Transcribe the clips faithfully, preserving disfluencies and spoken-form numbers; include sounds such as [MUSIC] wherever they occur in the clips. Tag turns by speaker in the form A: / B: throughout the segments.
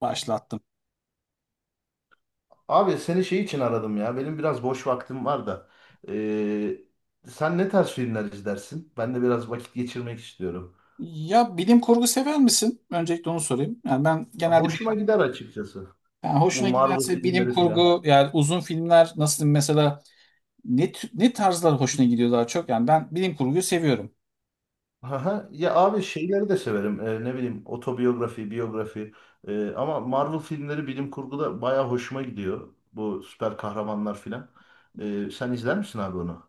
A: Başlattım.
B: Abi seni şey için aradım ya. Benim biraz boş vaktim var da. Ee, sen ne tarz filmler izlersin? Ben de biraz vakit geçirmek istiyorum.
A: Ya bilim kurgu sever misin? Öncelikle onu sorayım. Yani ben genelde bilim,
B: Hoşuma gider açıkçası.
A: yani
B: Bu
A: hoşuna
B: Marvel
A: giderse bilim
B: filmleri filan.
A: kurgu yani uzun filmler nasıl diyeyim mesela ne tü- ne tarzlar hoşuna gidiyor daha çok? Yani ben bilim kurguyu seviyorum.
B: Aha, ya abi şeyleri de severim. Ee, ne bileyim otobiyografi, biyografi. Ee, ama Marvel filmleri bilim kurguda baya hoşuma gidiyor. Bu süper kahramanlar filan. Ee, sen izler misin abi onu?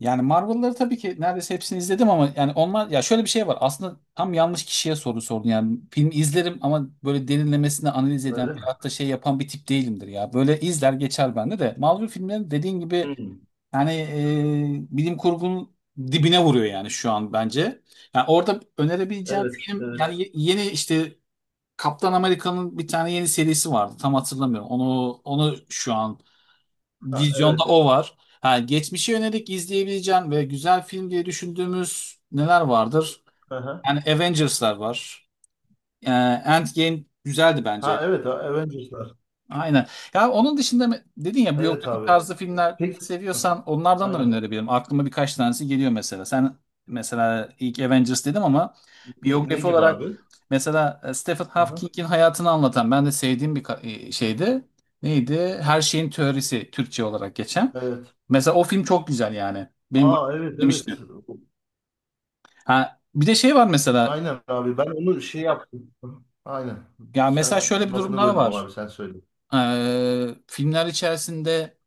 A: Yani Marvel'ları tabii ki neredeyse hepsini izledim ama yani onlar ya şöyle bir şey var. Aslında tam yanlış kişiye soru sordun. Yani film izlerim ama böyle derinlemesine analiz eden
B: Öyle mi?
A: veyahut da şey yapan bir tip değilimdir ya. Böyle izler geçer bende de. Marvel filmleri dediğin gibi
B: Hmm,
A: yani e, bilim kurgunun dibine vuruyor yani şu an bence. Yani orada önerebileceğim
B: evet,
A: film
B: evet.
A: yani ye- yeni işte Kaptan Amerika'nın bir tane yeni serisi vardı. Tam hatırlamıyorum. Onu onu şu an
B: Ha,
A: vizyonda
B: evet.
A: o var. Ha, geçmişe yönelik izleyebileceğin ve güzel film diye düşündüğümüz neler vardır?
B: Aha.
A: Yani Avengers'lar var. E, Endgame güzeldi bence.
B: Ha evet, Avengers'lar.
A: Aynen. Ya onun dışında mı- dedin ya
B: Evet
A: biyografik
B: abi.
A: tarzı filmler
B: Peki. Ah,
A: seviyorsan onlardan da
B: aynen.
A: önerebilirim. Aklıma birkaç tanesi geliyor mesela. Sen mesela ilk Avengers dedim ama
B: Ne, ne
A: biyografi
B: gibi
A: olarak
B: abi?
A: mesela e, Stephen
B: Aha.
A: Hawking'in hayatını anlatan ben de sevdiğim bir ka- e, şeydi. Neydi? Her şeyin teorisi Türkçe olarak geçen.
B: Evet.
A: Mesela o film çok güzel yani. Benim bu-
B: Aa evet
A: [LAUGHS]
B: evet.
A: demişti. Ha, bir de şey var mesela.
B: Aynen abi ben onu şey yaptım. Aha. Aynen.
A: Ya mesela
B: Sen
A: şöyle bir durum
B: lafını
A: daha
B: böldüm
A: var.
B: abi sen söyle.
A: Ee, filmler içerisinde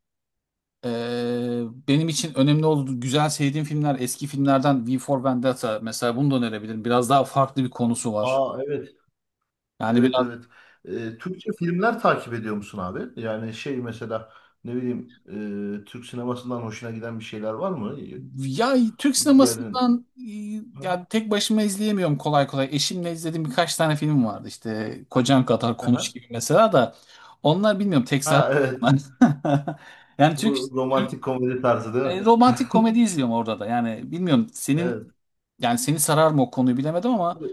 A: Ee, benim için önemli oldu. Güzel sevdiğim filmler eski filmlerden V for Vendetta mesela bunu da önerebilirim. Biraz daha farklı bir konusu var.
B: Aa evet.
A: Yani
B: Evet
A: biraz
B: evet. Ee, Türkçe filmler takip ediyor musun abi? Yani şey mesela ne bileyim e, Türk sinemasından hoşuna giden bir şeyler var mı?
A: ya Türk
B: Gelin.
A: sinemasından e,
B: Aha.
A: yani tek başıma izleyemiyorum kolay kolay. Eşimle izlediğim birkaç tane film vardı. İşte Kocan Kadar Konuş
B: Aha.
A: gibi mesela da onlar bilmiyorum tek sar-
B: Ha evet.
A: [LAUGHS]
B: [LAUGHS]
A: Yani Türk,
B: Bu
A: Türk
B: romantik komedi tarzı değil mi?
A: e, romantik komedi
B: [LAUGHS]
A: izliyorum orada da. Yani bilmiyorum senin
B: Evet.
A: yani seni sarar mı o konuyu bilemedim ama
B: Abi,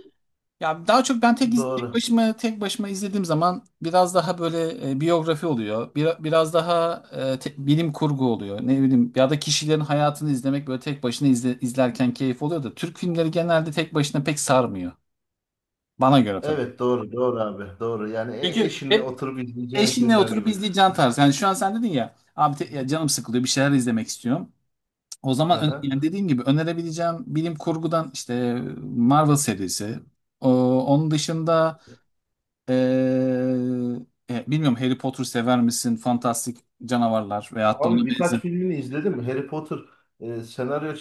A: ya daha çok ben tek, iz- tek
B: doğru.
A: başıma tek başıma izlediğim zaman biraz daha böyle e, biyografi oluyor. Bir- biraz daha e, te- bilim kurgu oluyor. Ne bileyim ya da kişilerin hayatını izlemek böyle tek başına izle- izlerken keyif oluyor da Türk filmleri genelde tek başına pek sarmıyor. Bana göre tabii.
B: Evet doğru doğru abi doğru yani e-
A: Çünkü
B: eşinle
A: hep
B: oturup izleyeceğim
A: eşinle
B: filmler
A: oturup
B: gibi.
A: izleyeceğin tarz. Yani şu an sen dedin ya abi te- ya canım sıkılıyor bir şeyler izlemek istiyorum. O zaman ö-
B: Aha.
A: yani dediğim gibi önerebileceğim bilim kurgudan işte Marvel serisi. O- onun dışında Ee, e, bilmiyorum Harry Potter sever misin? Fantastik canavarlar veyahut da
B: Abi
A: ona
B: birkaç
A: benzer.
B: filmini izledim. Harry Potter e, senaryo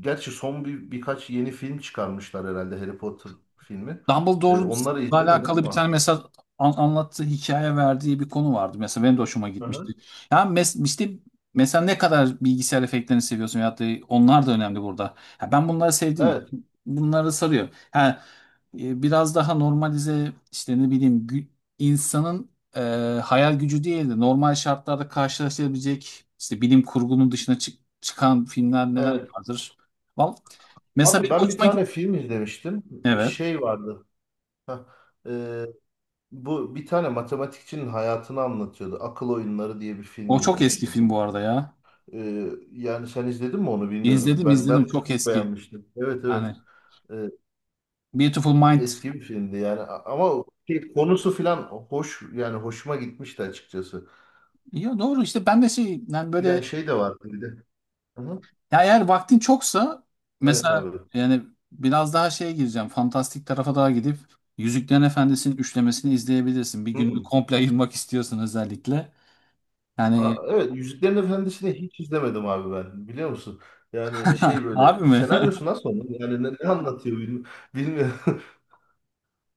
B: gerçi son bir birkaç yeni film çıkarmışlar herhalde Harry Potter filmi. E,
A: Dumbledore'un
B: onları izlemedim
A: alakalı bir tane
B: ama.
A: mesela an- anlattığı hikaye verdiği bir konu vardı. Mesela benim de hoşuma gitmişti.
B: Aha.
A: Yani mes işte mesela ne kadar bilgisayar efektlerini seviyorsun ya da onlar da önemli burada. Ya ben bunları sevdim.
B: Evet
A: Bunları sarıyor. Ha, e, biraz daha normalize işte ne bileyim gü- insanın e, hayal gücü değil de normal şartlarda karşılaşabilecek işte bilim kurgunun dışına çık- çıkan filmler neler
B: evet.
A: vardır. Vallahi, mesela
B: Abi
A: benim
B: ben bir
A: hoşuma
B: tane
A: git-
B: film izlemiştim.
A: Evet.
B: Şey vardı. Hah. E, Bu bir tane matematikçinin hayatını anlatıyordu. Akıl Oyunları diye bir film
A: O çok eski
B: izlemiştim.
A: film bu arada ya.
B: Ee, yani sen izledin mi onu bilmiyorum.
A: İzledim
B: Ben ben
A: izledim
B: onu
A: çok
B: çok
A: eski.
B: beğenmiştim. Evet evet.
A: Hani
B: Ee,
A: Beautiful Mind.
B: Eski bir filmdi yani A- ama şey, konusu filan hoş yani hoşuma gitmişti açıkçası.
A: Ya doğru işte ben de şey yani böyle
B: Yani şey de vardı bir de. Hı-hı.
A: ya eğer vaktin çoksa
B: Evet
A: mesela
B: abi.
A: yani biraz daha şeye gireceğim. Fantastik tarafa daha gidip Yüzüklerin Efendisi'nin üçlemesini izleyebilirsin. Bir günü
B: Hı.
A: komple ayırmak istiyorsun özellikle.
B: Ha,
A: Yani
B: evet Yüzüklerin Efendisi'ni hiç izlemedim abi ben. Biliyor musun? Yani şey
A: [LAUGHS] harbi
B: böyle
A: mi? [LAUGHS]
B: senaryosu nasıl onun? Yani ne, ne anlatıyor bilmi- bilmiyorum. [LAUGHS]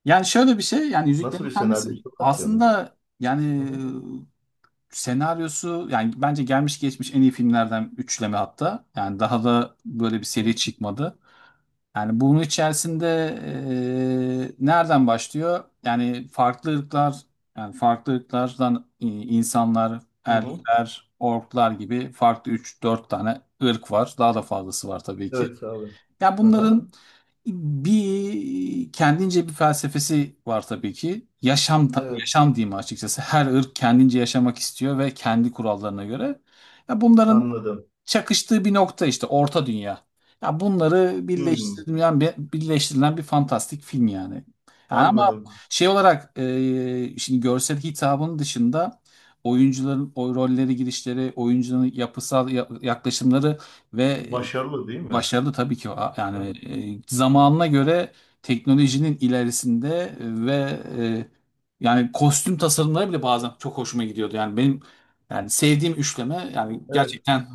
A: Yani şöyle bir şey yani Yüzüklerin
B: Nasıl bir
A: Efendisi
B: senaryosu var ki onun?
A: aslında yani
B: Hı-hı.
A: senaryosu yani bence gelmiş geçmiş en iyi filmlerden üçleme hatta. Yani daha da böyle bir seri çıkmadı. Yani bunun içerisinde eee, nereden başlıyor? Yani farklı ırklar, yani farklı ırklardan i- insanlar,
B: Hı-hı.
A: elfler, orklar gibi farklı üç dört tane ırk var. Daha da fazlası var tabii ki.
B: Evet abi.
A: Ya
B: Aha,
A: bunların bir kendince bir felsefesi var tabii ki. Yaşam ta-
B: evet
A: yaşam diyeyim açıkçası. Her ırk kendince yaşamak istiyor ve kendi kurallarına göre. Ya bunların
B: anladım.
A: çakıştığı bir nokta işte Orta Dünya. Ya bunları
B: Hı.
A: birleştirilen bir- birleştirilen bir fantastik film yani. Yani ama
B: Anladım.
A: şey olarak e, şimdi görsel hitabın dışında oyuncuların o rolleri girişleri, oyuncunun yapısal ya- yaklaşımları ve e,
B: Başarılı değil mi?
A: başarılı tabii ki o. Yani
B: Hı.
A: e, zamanına göre teknolojinin ilerisinde e, ve e, yani kostüm tasarımları bile bazen çok hoşuma gidiyordu. Yani benim yani sevdiğim üçleme yani
B: Evet.
A: gerçekten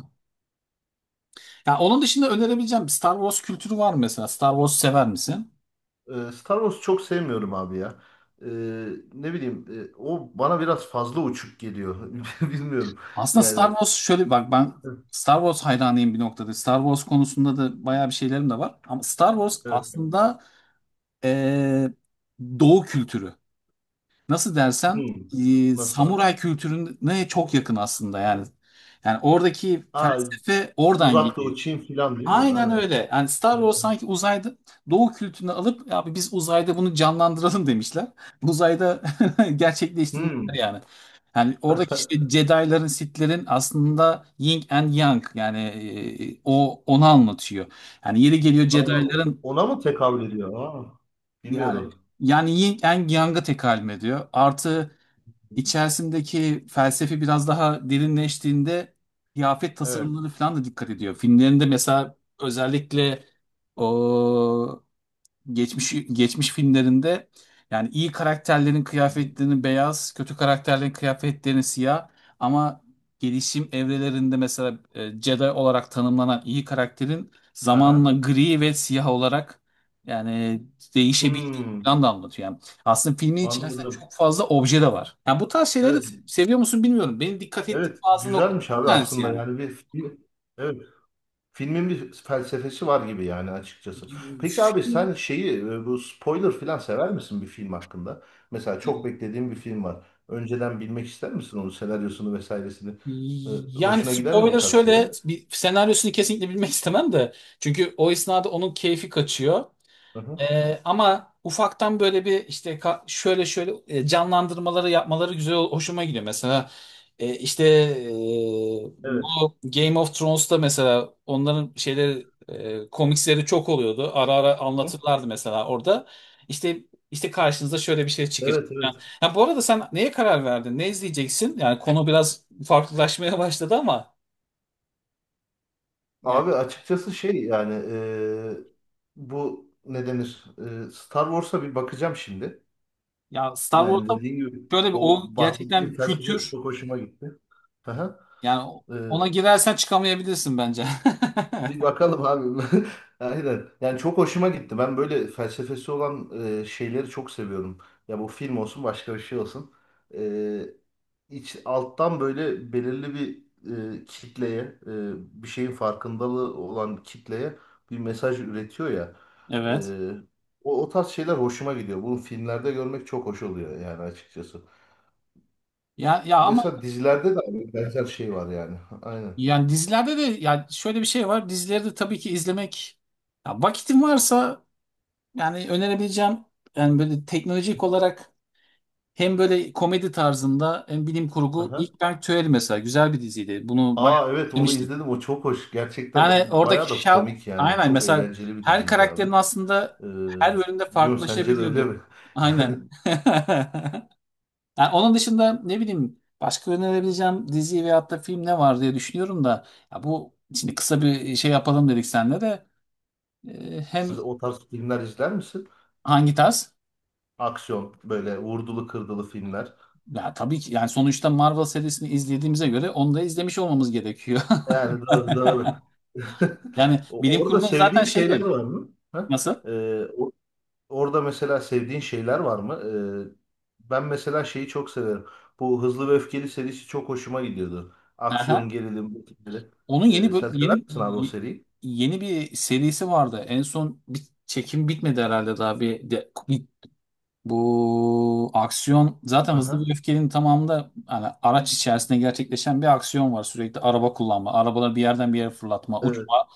A: yani onun dışında önerebileceğim Star Wars kültürü var mı mesela? Star Wars sever misin?
B: Ee, Star Wars'u çok sevmiyorum abi ya. Ee, Ne bileyim e, o bana biraz fazla uçuk geliyor. [LAUGHS] Bilmiyorum.
A: Aslında Star
B: Yani
A: Wars şöyle bak ben
B: evet.
A: Star Wars hayranıyım bir noktada. Star Wars konusunda da bayağı bir şeylerim de var. Ama Star Wars
B: Evet.
A: aslında e, Doğu kültürü. Nasıl dersen
B: Hmm.
A: e,
B: Nasıl abi?
A: samuray kültürüne çok yakın aslında yani. Yani oradaki
B: Aa,
A: felsefe oradan
B: uzak
A: geliyor.
B: doğu Çin filan değil mi?
A: Aynen
B: Aynen.
A: öyle. Yani Star
B: Şey,
A: Wars sanki uzayda Doğu kültürünü alıp abi biz uzayda bunu canlandıralım demişler. Uzayda [LAUGHS] gerçekleştirmişler
B: hmm.
A: yani. Yani oradaki işte Jedi'ların, Sith'lerin aslında Yin and Yang yani e, o onu anlatıyor. Yani yeri geliyor
B: Aa,
A: Jedi'ların
B: ona mı tekabül ediyor? Aa,
A: yani
B: bilmiyordum.
A: yani Yin and Yang'a tekalüm ediyor. Artı İçerisindeki felsefi biraz daha derinleştiğinde kıyafet
B: Evet.
A: tasarımları falan da dikkat ediyor. Filmlerinde mesela özellikle o geçmiş geçmiş filmlerinde yani iyi karakterlerin
B: Hı hı.
A: kıyafetlerinin beyaz, kötü karakterlerin kıyafetlerinin siyah ama gelişim evrelerinde mesela e, Jedi olarak tanımlanan iyi karakterin zamanla
B: Aha.
A: gri ve siyah olarak yani değişebildiğini
B: Hmm.
A: falan da anlatıyor. Yani aslında filmin içerisinde
B: Anladım.
A: çok fazla obje de var. Yani bu tarz şeyleri
B: Evet.
A: seviyor musun bilmiyorum. Benim dikkat ettiğim
B: Evet.
A: bazı noktalar
B: Güzelmiş
A: bir
B: abi
A: tanesi
B: aslında.
A: yani.
B: Yani bir, bir- evet. Filmin bir felsefesi var gibi yani açıkçası. Peki abi sen
A: Film-
B: şeyi e, bu spoiler falan sever misin bir film hakkında? Mesela çok beklediğin bir film var. Önceden bilmek ister misin onun senaryosunu vesairesini? E,
A: Yani
B: hoşuna gider mi bu
A: spoiler
B: tarz şeyler?
A: şöyle bir senaryosunu kesinlikle bilmek istemem de. Çünkü o esnada onun keyfi kaçıyor.
B: Hı hı.
A: Ee, ama ufaktan böyle bir işte ka- şöyle şöyle e, canlandırmaları yapmaları güzel hoşuma gidiyor. Mesela e, işte e,
B: Evet.
A: bu Game of Thrones'ta mesela onların şeyleri e, komiksleri çok oluyordu. Ara ara
B: Hı.
A: anlatırlardı mesela orada. İşte işte karşınıza şöyle bir şey çıkacak.
B: Evet
A: Yani
B: evet.
A: ha, bu arada sen neye karar verdin? Ne izleyeceksin? Yani konu biraz farklılaşmaya başladı ama yani
B: Abi açıkçası şey yani e, bu ne denir? E, Star Wars'a bir bakacağım şimdi.
A: ya Star
B: Yani
A: Wars'ta
B: dediğim gibi
A: böyle bir
B: o
A: o gerçekten
B: bahsettiğim
A: bir
B: felsefe
A: kültür
B: çok hoşuma gitti. Hı hı.
A: yani
B: E,
A: ona girersen çıkamayabilirsin bence.
B: bir
A: [LAUGHS]
B: bakalım abi. [LAUGHS] Aynen. Yani çok hoşuma gitti. Ben böyle felsefesi olan e, şeyleri çok seviyorum. Ya bu film olsun başka bir şey olsun. E, iç, alttan böyle belirli bir e, kitleye, e, bir şeyin farkındalığı olan kitleye bir mesaj üretiyor ya. E,
A: Evet.
B: O, o tarz şeyler hoşuma gidiyor. Bunu filmlerde görmek çok hoş oluyor yani açıkçası.
A: Ya ya ama
B: Mesela dizilerde de aynı benzer şey var yani. [LAUGHS] Aynen.
A: yani dizilerde de ya şöyle bir şey var. Dizileri de tabii ki izlemek ya vakitin varsa yani önerebileceğim yani böyle teknolojik olarak hem böyle komedi tarzında hem bilim kurgu Big
B: Aha.
A: Bang Theory mesela güzel bir diziydi. Bunu bayağı
B: Aa evet onu
A: izlemiştim.
B: izledim o çok hoş. Gerçekten
A: Yani
B: bayağı
A: oradaki
B: da
A: şal
B: komik yani.
A: aynen
B: Çok
A: mesela
B: eğlenceli bir
A: her
B: diziydi abi.
A: karakterin aslında
B: Ee,
A: her bölümde
B: Bilmiyorum sence de öyle
A: farklılaşabiliyordu.
B: mi?
A: Aynen. [LAUGHS] Yani onun dışında ne bileyim başka önerebileceğim dizi veyahut da film ne var diye düşünüyorum da ya bu şimdi kısa bir e, şey yapalım dedik senle de e,
B: [LAUGHS]
A: hem
B: Siz o tarz filmler izler misin?
A: hangi tarz?
B: Aksiyon böyle vurdulu kırdılı filmler.
A: Ya tabii ki yani sonuçta Marvel serisini izlediğimize göre onu da izlemiş olmamız gerekiyor.
B: Yani daha,
A: [LAUGHS]
B: daha... [LAUGHS]
A: Yani
B: O-
A: bilim
B: Orada
A: kurgu zaten
B: sevdiğin şeyler
A: şeydir.
B: var mı? Ha?
A: Nasıl?
B: Ee, o- orada mesela sevdiğin şeyler var mı? Ee, ben mesela şeyi çok severim. Bu Hızlı ve Öfkeli serisi çok hoşuma gidiyordu. Aksiyon,
A: Aha.
B: gerilim, bu tipleri.
A: Onun yeni
B: Ee,
A: böl-
B: sen sever
A: yeni
B: misin abi o seriyi?
A: yeni bir serisi vardı. En son bir çekim bitmedi herhalde daha bir de, bu aksiyon zaten Hızlı ve
B: Aha.
A: Öfkeli'nin tamamında hani araç içerisinde gerçekleşen bir aksiyon var. Sürekli araba kullanma, arabaları bir yerden bir yere fırlatma,
B: Evet.
A: uçma.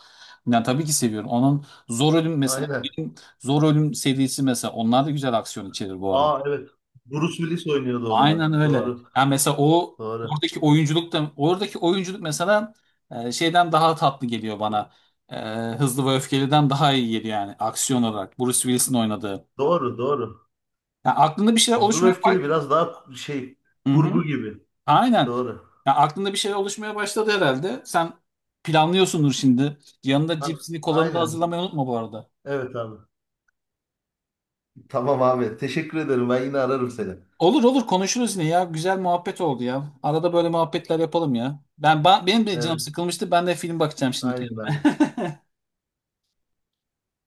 A: Yani tabii ki seviyorum. Onun Zor Ölüm mesela
B: Aynen.
A: benim Zor Ölüm serisi mesela onlar da güzel aksiyon içerir bu arada.
B: Aa evet. Bruce Willis oynuyordu onda.
A: Aynen öyle.
B: Doğru.
A: Yani mesela o
B: Doğru.
A: oradaki oyunculuk da oradaki oyunculuk mesela e, şeyden daha tatlı geliyor bana. E, Hızlı ve Öfkeli'den daha iyi geliyor yani aksiyon olarak. Bruce Willis'in oynadığı.
B: Doğru. Doğru.
A: Yani aklında bir şeyler
B: Hızlı ve
A: oluşmaya
B: Öfkeli biraz daha şey kurgu
A: hı
B: gibi.
A: aynen.
B: Doğru.
A: Ya aklında bir şey oluşmaya başladı herhalde. Sen planlıyorsundur şimdi. Yanında
B: A-
A: cipsini kolanı da
B: aynen.
A: hazırlamayı unutma bu arada.
B: Evet abi. Tamam abi. Teşekkür ederim. Ben yine ararım seni.
A: Olur olur konuşuruz yine ya. Güzel muhabbet oldu ya. Arada böyle muhabbetler yapalım ya. Ben, ben benim de canım
B: Evet.
A: sıkılmıştı. Ben de film bakacağım şimdi
B: Aynen abi.
A: kendime.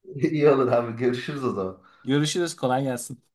B: [LAUGHS] İyi olur abi. Görüşürüz o zaman.
A: [LAUGHS] Görüşürüz. Kolay gelsin.